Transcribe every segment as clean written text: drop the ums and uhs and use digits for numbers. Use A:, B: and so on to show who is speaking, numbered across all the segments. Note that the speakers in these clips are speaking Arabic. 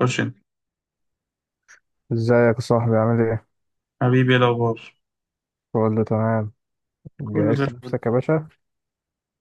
A: خش انت.
B: ازيك يا صاحبي؟ عامل ايه؟
A: حبيبي، ايه الاخبار؟
B: كله تمام.
A: كله زي
B: جهزت
A: الفل.
B: نفسك يا باشا؟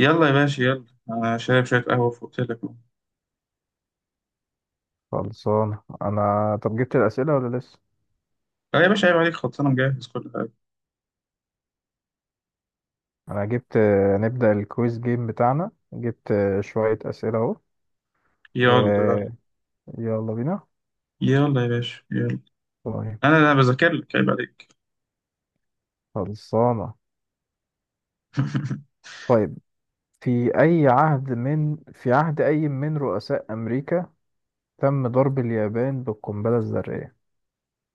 A: يلا يا باشا يلا. انا شارب شويه قهوه فوق لك اهو.
B: خلصان انا. طب جبت الاسئله ولا لسه؟
A: لا يا باشا عيب عليك، خلاص انا مجهز كل حاجه.
B: انا جبت. نبدا الكويز جيم بتاعنا. جبت شويه اسئله اهو.
A: يلا يلا.
B: ويلا بينا.
A: يلا يا باشا يلا.
B: طيب.
A: انا بذاكر لك، عيب عليك.
B: خلصانه. طيب، في عهد اي من رؤساء امريكا تم ضرب اليابان بالقنبله الذريه؟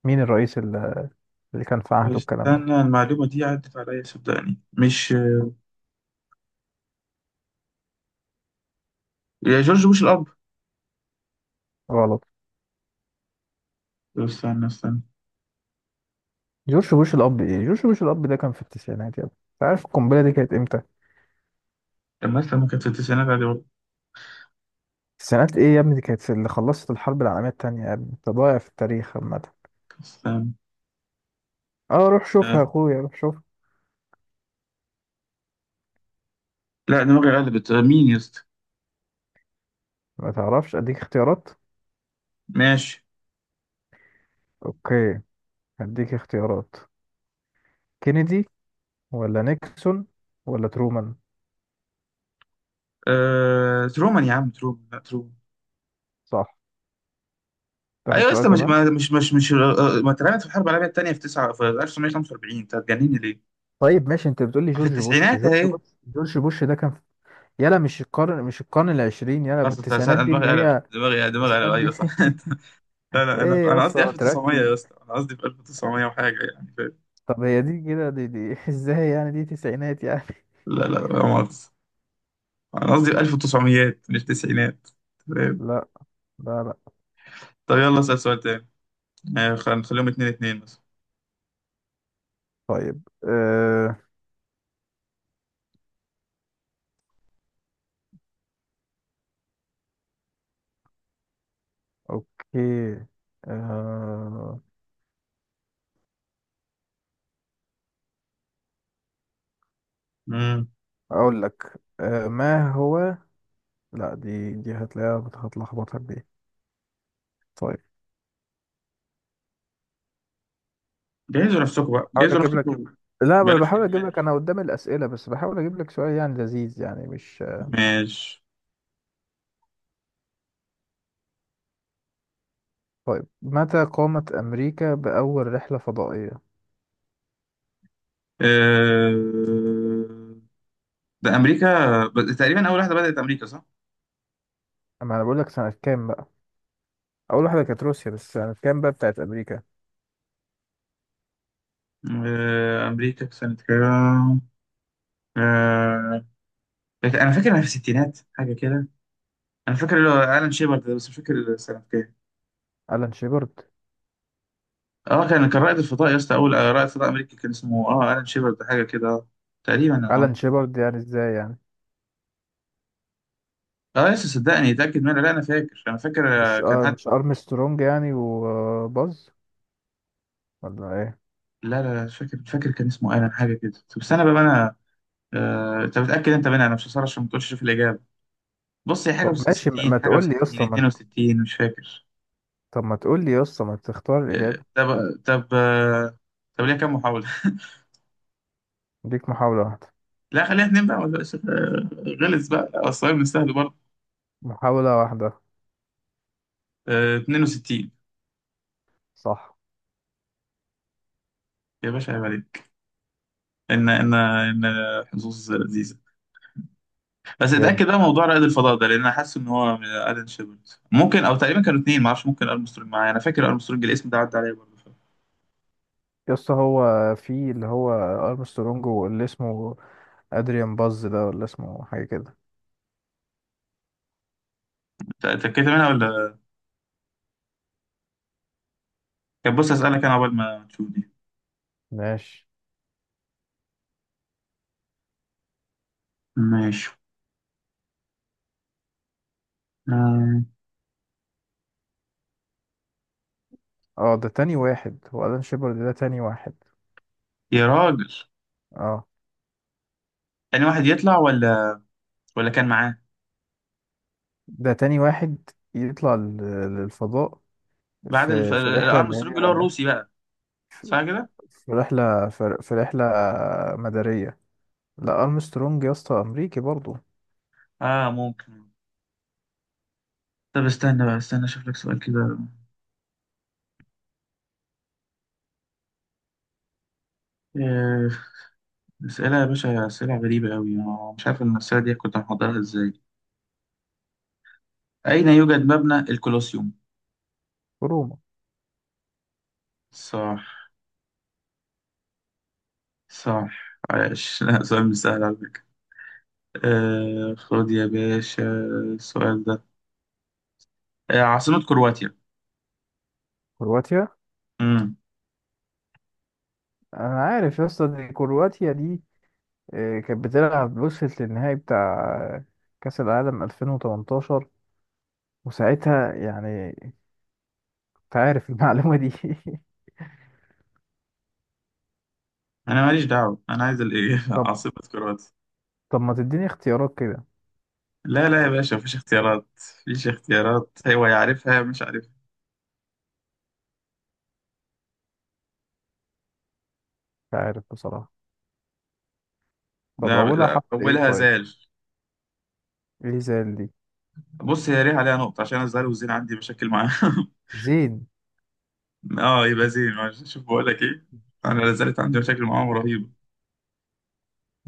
B: مين الرئيس اللي كان في
A: طب
B: عهده الكلام ده؟
A: استنى، المعلومه دي عدت عليا، صدقني مش. يا جورج بوش الاب.
B: غلط.
A: طب استنى.
B: جورج بوش الاب؟ ايه جورج بوش الاب؟ ده كان في التسعينات يا ابني. انت عارف القنبله دي كانت امتى؟
A: طب ما استنى، كانت في التسعينات عادي برضه.
B: التسعينات ايه يا ابني؟ دي كانت اللي خلصت الحرب العالميه التانية يا ابني. انت ضايع في التاريخ عامه.
A: استنى.
B: اه، روح شوفها
A: آه.
B: يا اخويا، روح شوفها.
A: لا دماغي قلبت. مين يا اسطى؟
B: ما تعرفش؟ اديك اختيارات.
A: ماشي.
B: اوكي، هديك اختيارات: كينيدي، ولا نيكسون، ولا ترومان.
A: ترومان يا عم، ترومان، لا ترومان.
B: صح.
A: ايوه
B: تاخد
A: يا
B: سؤال
A: اسطى، مش
B: كمان؟
A: ما- مش مش مش آه، آه، ما اترمت في الحرب العالميه الثانيه في 9 في 1945، انت هتجنني ليه؟
B: طيب ماشي، انت بتقول لي
A: ما في
B: جورج بوش
A: التسعينات
B: جورج
A: اهي.
B: بوش جورج بوش، ده كان في... يلا مش القرن، مش القرن العشرين؟ يلا
A: اصل
B: التسعينات
A: أنا
B: دي اللي
A: دماغي قلبت،
B: هي.
A: دماغي
B: التسعينات
A: قلبت،
B: دي.
A: ايوه صح. لا لا، انا
B: ايه يا
A: انا قصدي
B: اسطى؟
A: 1900
B: تركز.
A: يا اسطى، انا قصدي في 1900 وحاجه، يعني فاهم.
B: طب هي دي كده، دي ازاي يعني دي تسعينات يعني؟
A: لا لا لا، مؤاخذه. انا قصدي في 1900 مش تسعينات، فاهم.
B: لا لا لا.
A: طب يلا اسال سؤال تاني. نخليهم 2 2 مثلا.
B: طيب، اوكي، آه
A: امم
B: اقول لك، ما هو لا، دي هتلاقيها هتلخبطك دي. طيب.
A: جهزوا نفسكم بقى،
B: بحاول
A: جهزوا
B: اجيب لك.
A: نفسكم.
B: لا انا
A: بلاش
B: بحاول اجيب
A: اهمال.
B: لك، انا قدام الاسئله بس بحاول اجيب لك سؤال يعني لذيذ يعني مش...
A: ماشي.
B: طيب، متى قامت امريكا باول رحله فضائيه؟
A: أه... ده امريكا. تقريبا اول واحده بدات امريكا، صح.
B: اما انا بقول لك سنه كام بقى. اول واحده كانت روسيا، بس سنه كام بقى بتاعت امريكا؟
A: امريكا في سنه كام. آه، انا فاكر انها في الستينات حاجه كده. انا فاكر اللي هو الان شيبرد ده، بس مش فاكر سنه كام.
B: الان شيبرد.
A: اه، كان رائد الفضاء يا اسطى، اول رائد فضاء امريكي، كان اسمه الان شيبرد ده، حاجه كده تقريبا
B: الان شيبرد يعني ازاي يعني؟
A: اه لسه، صدقني اتاكد منها، لا انا فاكر
B: مش
A: كان
B: آه
A: حد.
B: مش ارمسترونج يعني وباز؟ ولا ايه؟
A: لا لا لا، مش فاكر كان اسمه الان حاجه كده. طب استنى بقى انا. انت متاكد انت منها؟ انا مش هصرش عشان ما تقولش في الاجابه. بص هي حاجه
B: طب ماشي، ما
A: و60،
B: ما
A: حاجه
B: تقول
A: و60،
B: لي يا اسطى ما انت-
A: 62، مش فاكر.
B: طب ما تقول لي يا اسطى، ما تختار
A: آه،
B: الاجابه.
A: طب طب آه، طب ليها كام محاولة؟
B: ليك محاوله واحده.
A: لا خليها اتنين بقى، ولا غلس بقى، الصعيد من سهل برضه.
B: محاوله واحده.
A: 62.
B: صح.
A: يا باشا عيب عليك. ان حظوظ لذيذة. بس
B: جامد.
A: اتأكد بقى موضوع رائد الفضاء ده، لان انا حاسس ان هو من الن شيبرد ممكن، او تقريبا كانوا اتنين، معرفش ممكن ارمسترونج معايا، انا فاكر ارمسترونج الاسم ده عدى عليا برضه.
B: يا اسطى هو في اللي هو ارمسترونج واللي اسمه ادريان باز ده، ولا اسمه حاجه كده؟
A: اتأكدت منها ولا؟ كان، بص اسألك انا قبل ما تشوف دي.
B: ماشي.
A: ماشي. آه،
B: اه، ده تاني واحد هو الان شيبرد، ده تاني واحد.
A: يا راجل.
B: اه
A: تاني واحد يطلع؟ ولا، ولا كان معاه؟
B: ده تاني واحد يطلع للفضاء
A: بعد
B: في الرحله اللي
A: الارمسترونج اللي هو
B: هي
A: الروسي بقى. صح.
B: في رحلة في رحلة مدارية. لا أرمسترونج يا اسطى أمريكي برضو.
A: اه ممكن. طب استنى بقى، استنى اشوف لك سؤال كده. آه، اسئله يا باشا، اسئله غريبه قوي، انا مش عارف المساله دي كنت محضرها ازاي. اين يوجد مبنى الكولوسيوم؟
B: في روما.
A: صح. صح، عايش. لا، سؤال مش سهل على فكره. آه، خد يا باشا السؤال ده. آه، عاصمه كرواتيا.
B: كرواتيا.
A: امم
B: أنا عارف يا اسطى دي كرواتيا دي. كانت بتلعب، وصلت للنهائي بتاع كأس العالم 2018، وساعتها يعني أنت عارف المعلومة دي.
A: انا ماليش دعوه، انا عايز الايه.
B: طب.
A: عاصمه كرواتيا.
B: طب ما تديني اختيارات كده.
A: لا لا يا باشا، مفيش اختيارات. مفيش اختيارات، هو يعرفها مش عارفها.
B: مش عارف بصراحة. طب
A: لا
B: أولها
A: لا،
B: حرف إيه
A: اولها
B: طيب؟
A: زال.
B: إيه زي دي؟
A: بص، هي ليها عليها نقطة، عشان أنا الزهر والزين عندي مشاكل معاهم.
B: زين.
A: اه يبقى زين، معلش. شوف بقول لك ايه، انا لا زالت عندي مشاكل معاهم رهيبة.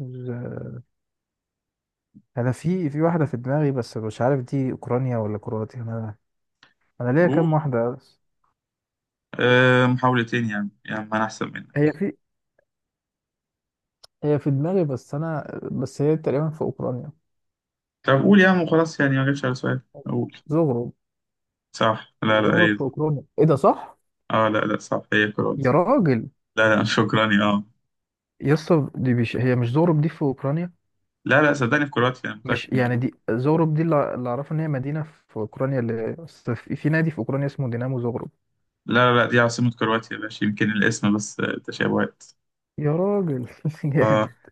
B: ز- انا في واحده في دماغي بس مش عارف دي اوكرانيا ولا كرواتيا. انا ليا
A: قول.
B: كام واحده بس.
A: محاولتين، يعني ما انا احسن
B: هي
A: منك.
B: في هي في دماغي بس، انا بس هي تقريبا في اوكرانيا.
A: طب قول يا عم وخلاص، يعني ما جاتش على سؤال، قول.
B: زغرب.
A: صح، لا لا
B: زغرب
A: اي.
B: في اوكرانيا، ايه ده صح؟
A: اه لا لا، صح هي كرواتيا.
B: يا راجل.
A: لا لا. شكرا يا
B: يا اسطى دي مش هي، مش زغرب دي في اوكرانيا؟
A: لا لا صدقني، في كرواتيا، انا
B: مش
A: متأكد من
B: يعني
A: الموضوع.
B: دي زغرب دي، اللي اعرفه ان هي مدينه في اوكرانيا، اللي أصل في نادي في اوكرانيا اسمه دينامو زغرب.
A: لا لا لا، دي عاصمة كرواتيا يا باشا، يمكن الاسم بس تشابهات.
B: يا راجل.
A: اه.
B: جامد.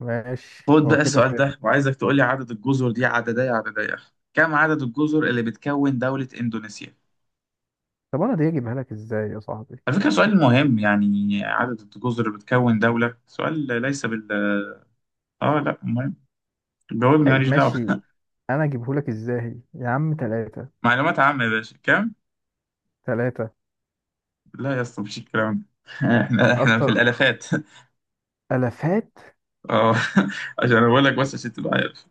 B: ماشي
A: خد
B: هو
A: بقى
B: كده
A: السؤال
B: كده.
A: ده، وعايزك تقول لي عدد الجزر، دي عددية عددية. كم عدد الجزر اللي بتكون دولة إندونيسيا؟
B: طب انا دي اجيبها لك ازاي يا صاحبي؟
A: على فكرة، سؤال مهم، يعني عدد الجزر اللي بتكون دولة، سؤال ليس بال. اه لا، مهم. جاوبني،
B: طيب
A: ماليش
B: ماشي.
A: دعوة.
B: انا اجيبهولك ازاي يا عم؟ تلاتة.
A: معلومات عامة يا باشا، كم؟
B: تلاتة.
A: لا يا اسطى، مفيش الكلام ده. احنا في
B: اكتر.
A: الالافات.
B: الافات؟
A: اه، عشان انا بقول لك بس عشان تبقى عارف،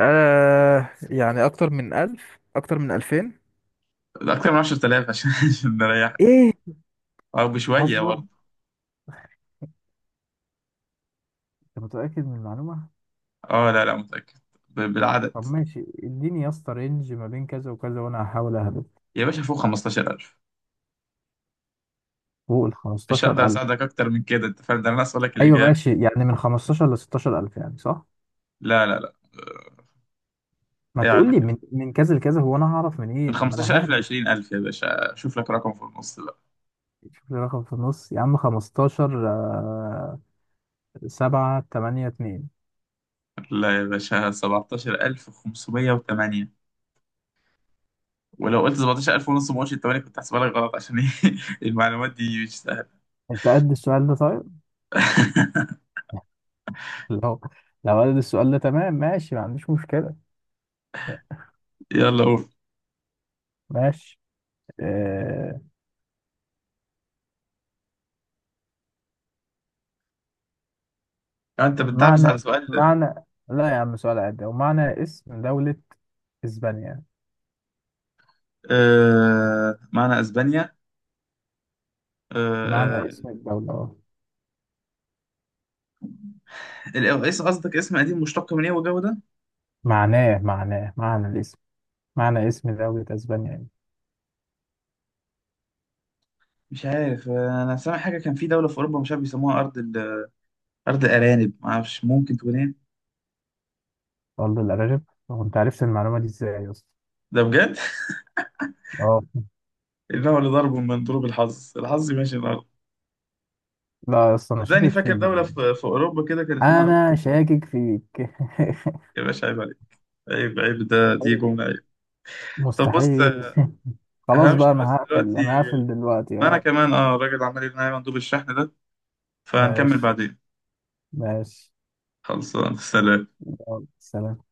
B: يعني اكتر من الف، اكتر من الفين.
A: اكتر من 10000 عشان عشان نريحك،
B: ايه؟
A: او بشوية
B: هزر.
A: برضه.
B: انت متأكد من المعلومة؟
A: اه لا لا متأكد، بالعدد.
B: طب ماشي، اديني يا اسطى رينج ما بين كذا وكذا وانا هحاول اهبط.
A: يا باشا فوق 15000.
B: فوق ال
A: مش هقدر
B: 15000.
A: اساعدك اكتر من كده، انت فاهم ده، انا اسالك لك
B: ايوه
A: الاجابه.
B: ماشي، يعني من 15 ل 16000 يعني صح.
A: لا لا لا،
B: ما تقول
A: يعني
B: لي من كذا لكذا، هو انا هعرف من ايه؟
A: من
B: ما انا
A: 15000 ل
B: ههبط.
A: 20000 يا باشا، شوف لك رقم في النص بقى.
B: شوف لي رقم في النص يا عم. 15 7 8 2.
A: لا يا باشا، 17508. ولو قلت 17000 ونص، ما قلتش 8، كنت هحسبها لك غلط، عشان ايه. المعلومات دي مش سهله.
B: انت قد السؤال ده طيب؟ لو لو قد السؤال ده تمام ماشي، ما عنديش مشكلة.
A: يلا قول.
B: ماشي. آه...
A: انت بتدعبس
B: معنى
A: على سؤال.
B: معنى لا يا عم، سؤال عادي، ومعنى اسم دولة اسبانيا.
A: آه معنى اسبانيا.
B: معنى
A: آه.
B: اسم الدولة اه.
A: ايه قصدك، اسم قديم مشتق من ايه والجو ده؟
B: معناه معنى الاسم، معنى اسم دولة اسبانيا يعني.
A: مش عارف. انا سامع حاجه كان في دوله في اوروبا، مش عارف بيسموها ارض. أرض أرانب، ما أعرفش، ممكن تكون إيه.
B: والله الأرانب؟ هو انت عرفت المعلومة دي ازاي يا اسطى؟
A: ده بجد.
B: اه.
A: إنه لضرب من ضروب الحظ، ماشي الأرض.
B: لا يا اسطى انا
A: صدقني
B: شاكك
A: فاكر
B: فيك بقى.
A: دولة في أوروبا كده كان اسمها أرض.
B: انا شاكك فيك.
A: يا باشا عيب عليك. عيب. عيب ده. دي جملة عيب. طب بص،
B: مستحيل. خلاص بقى،
A: همشي بس
B: انا هقفل،
A: دلوقتي.
B: انا هقفل دلوقتي
A: ما أنا
B: اه.
A: كمان، الراجل عمال يرن عليا مندوب الشحن ده، فهنكمل
B: ماشي.
A: بعدين.
B: ماشي.
A: خلصان، سلام.
B: يلا سلام.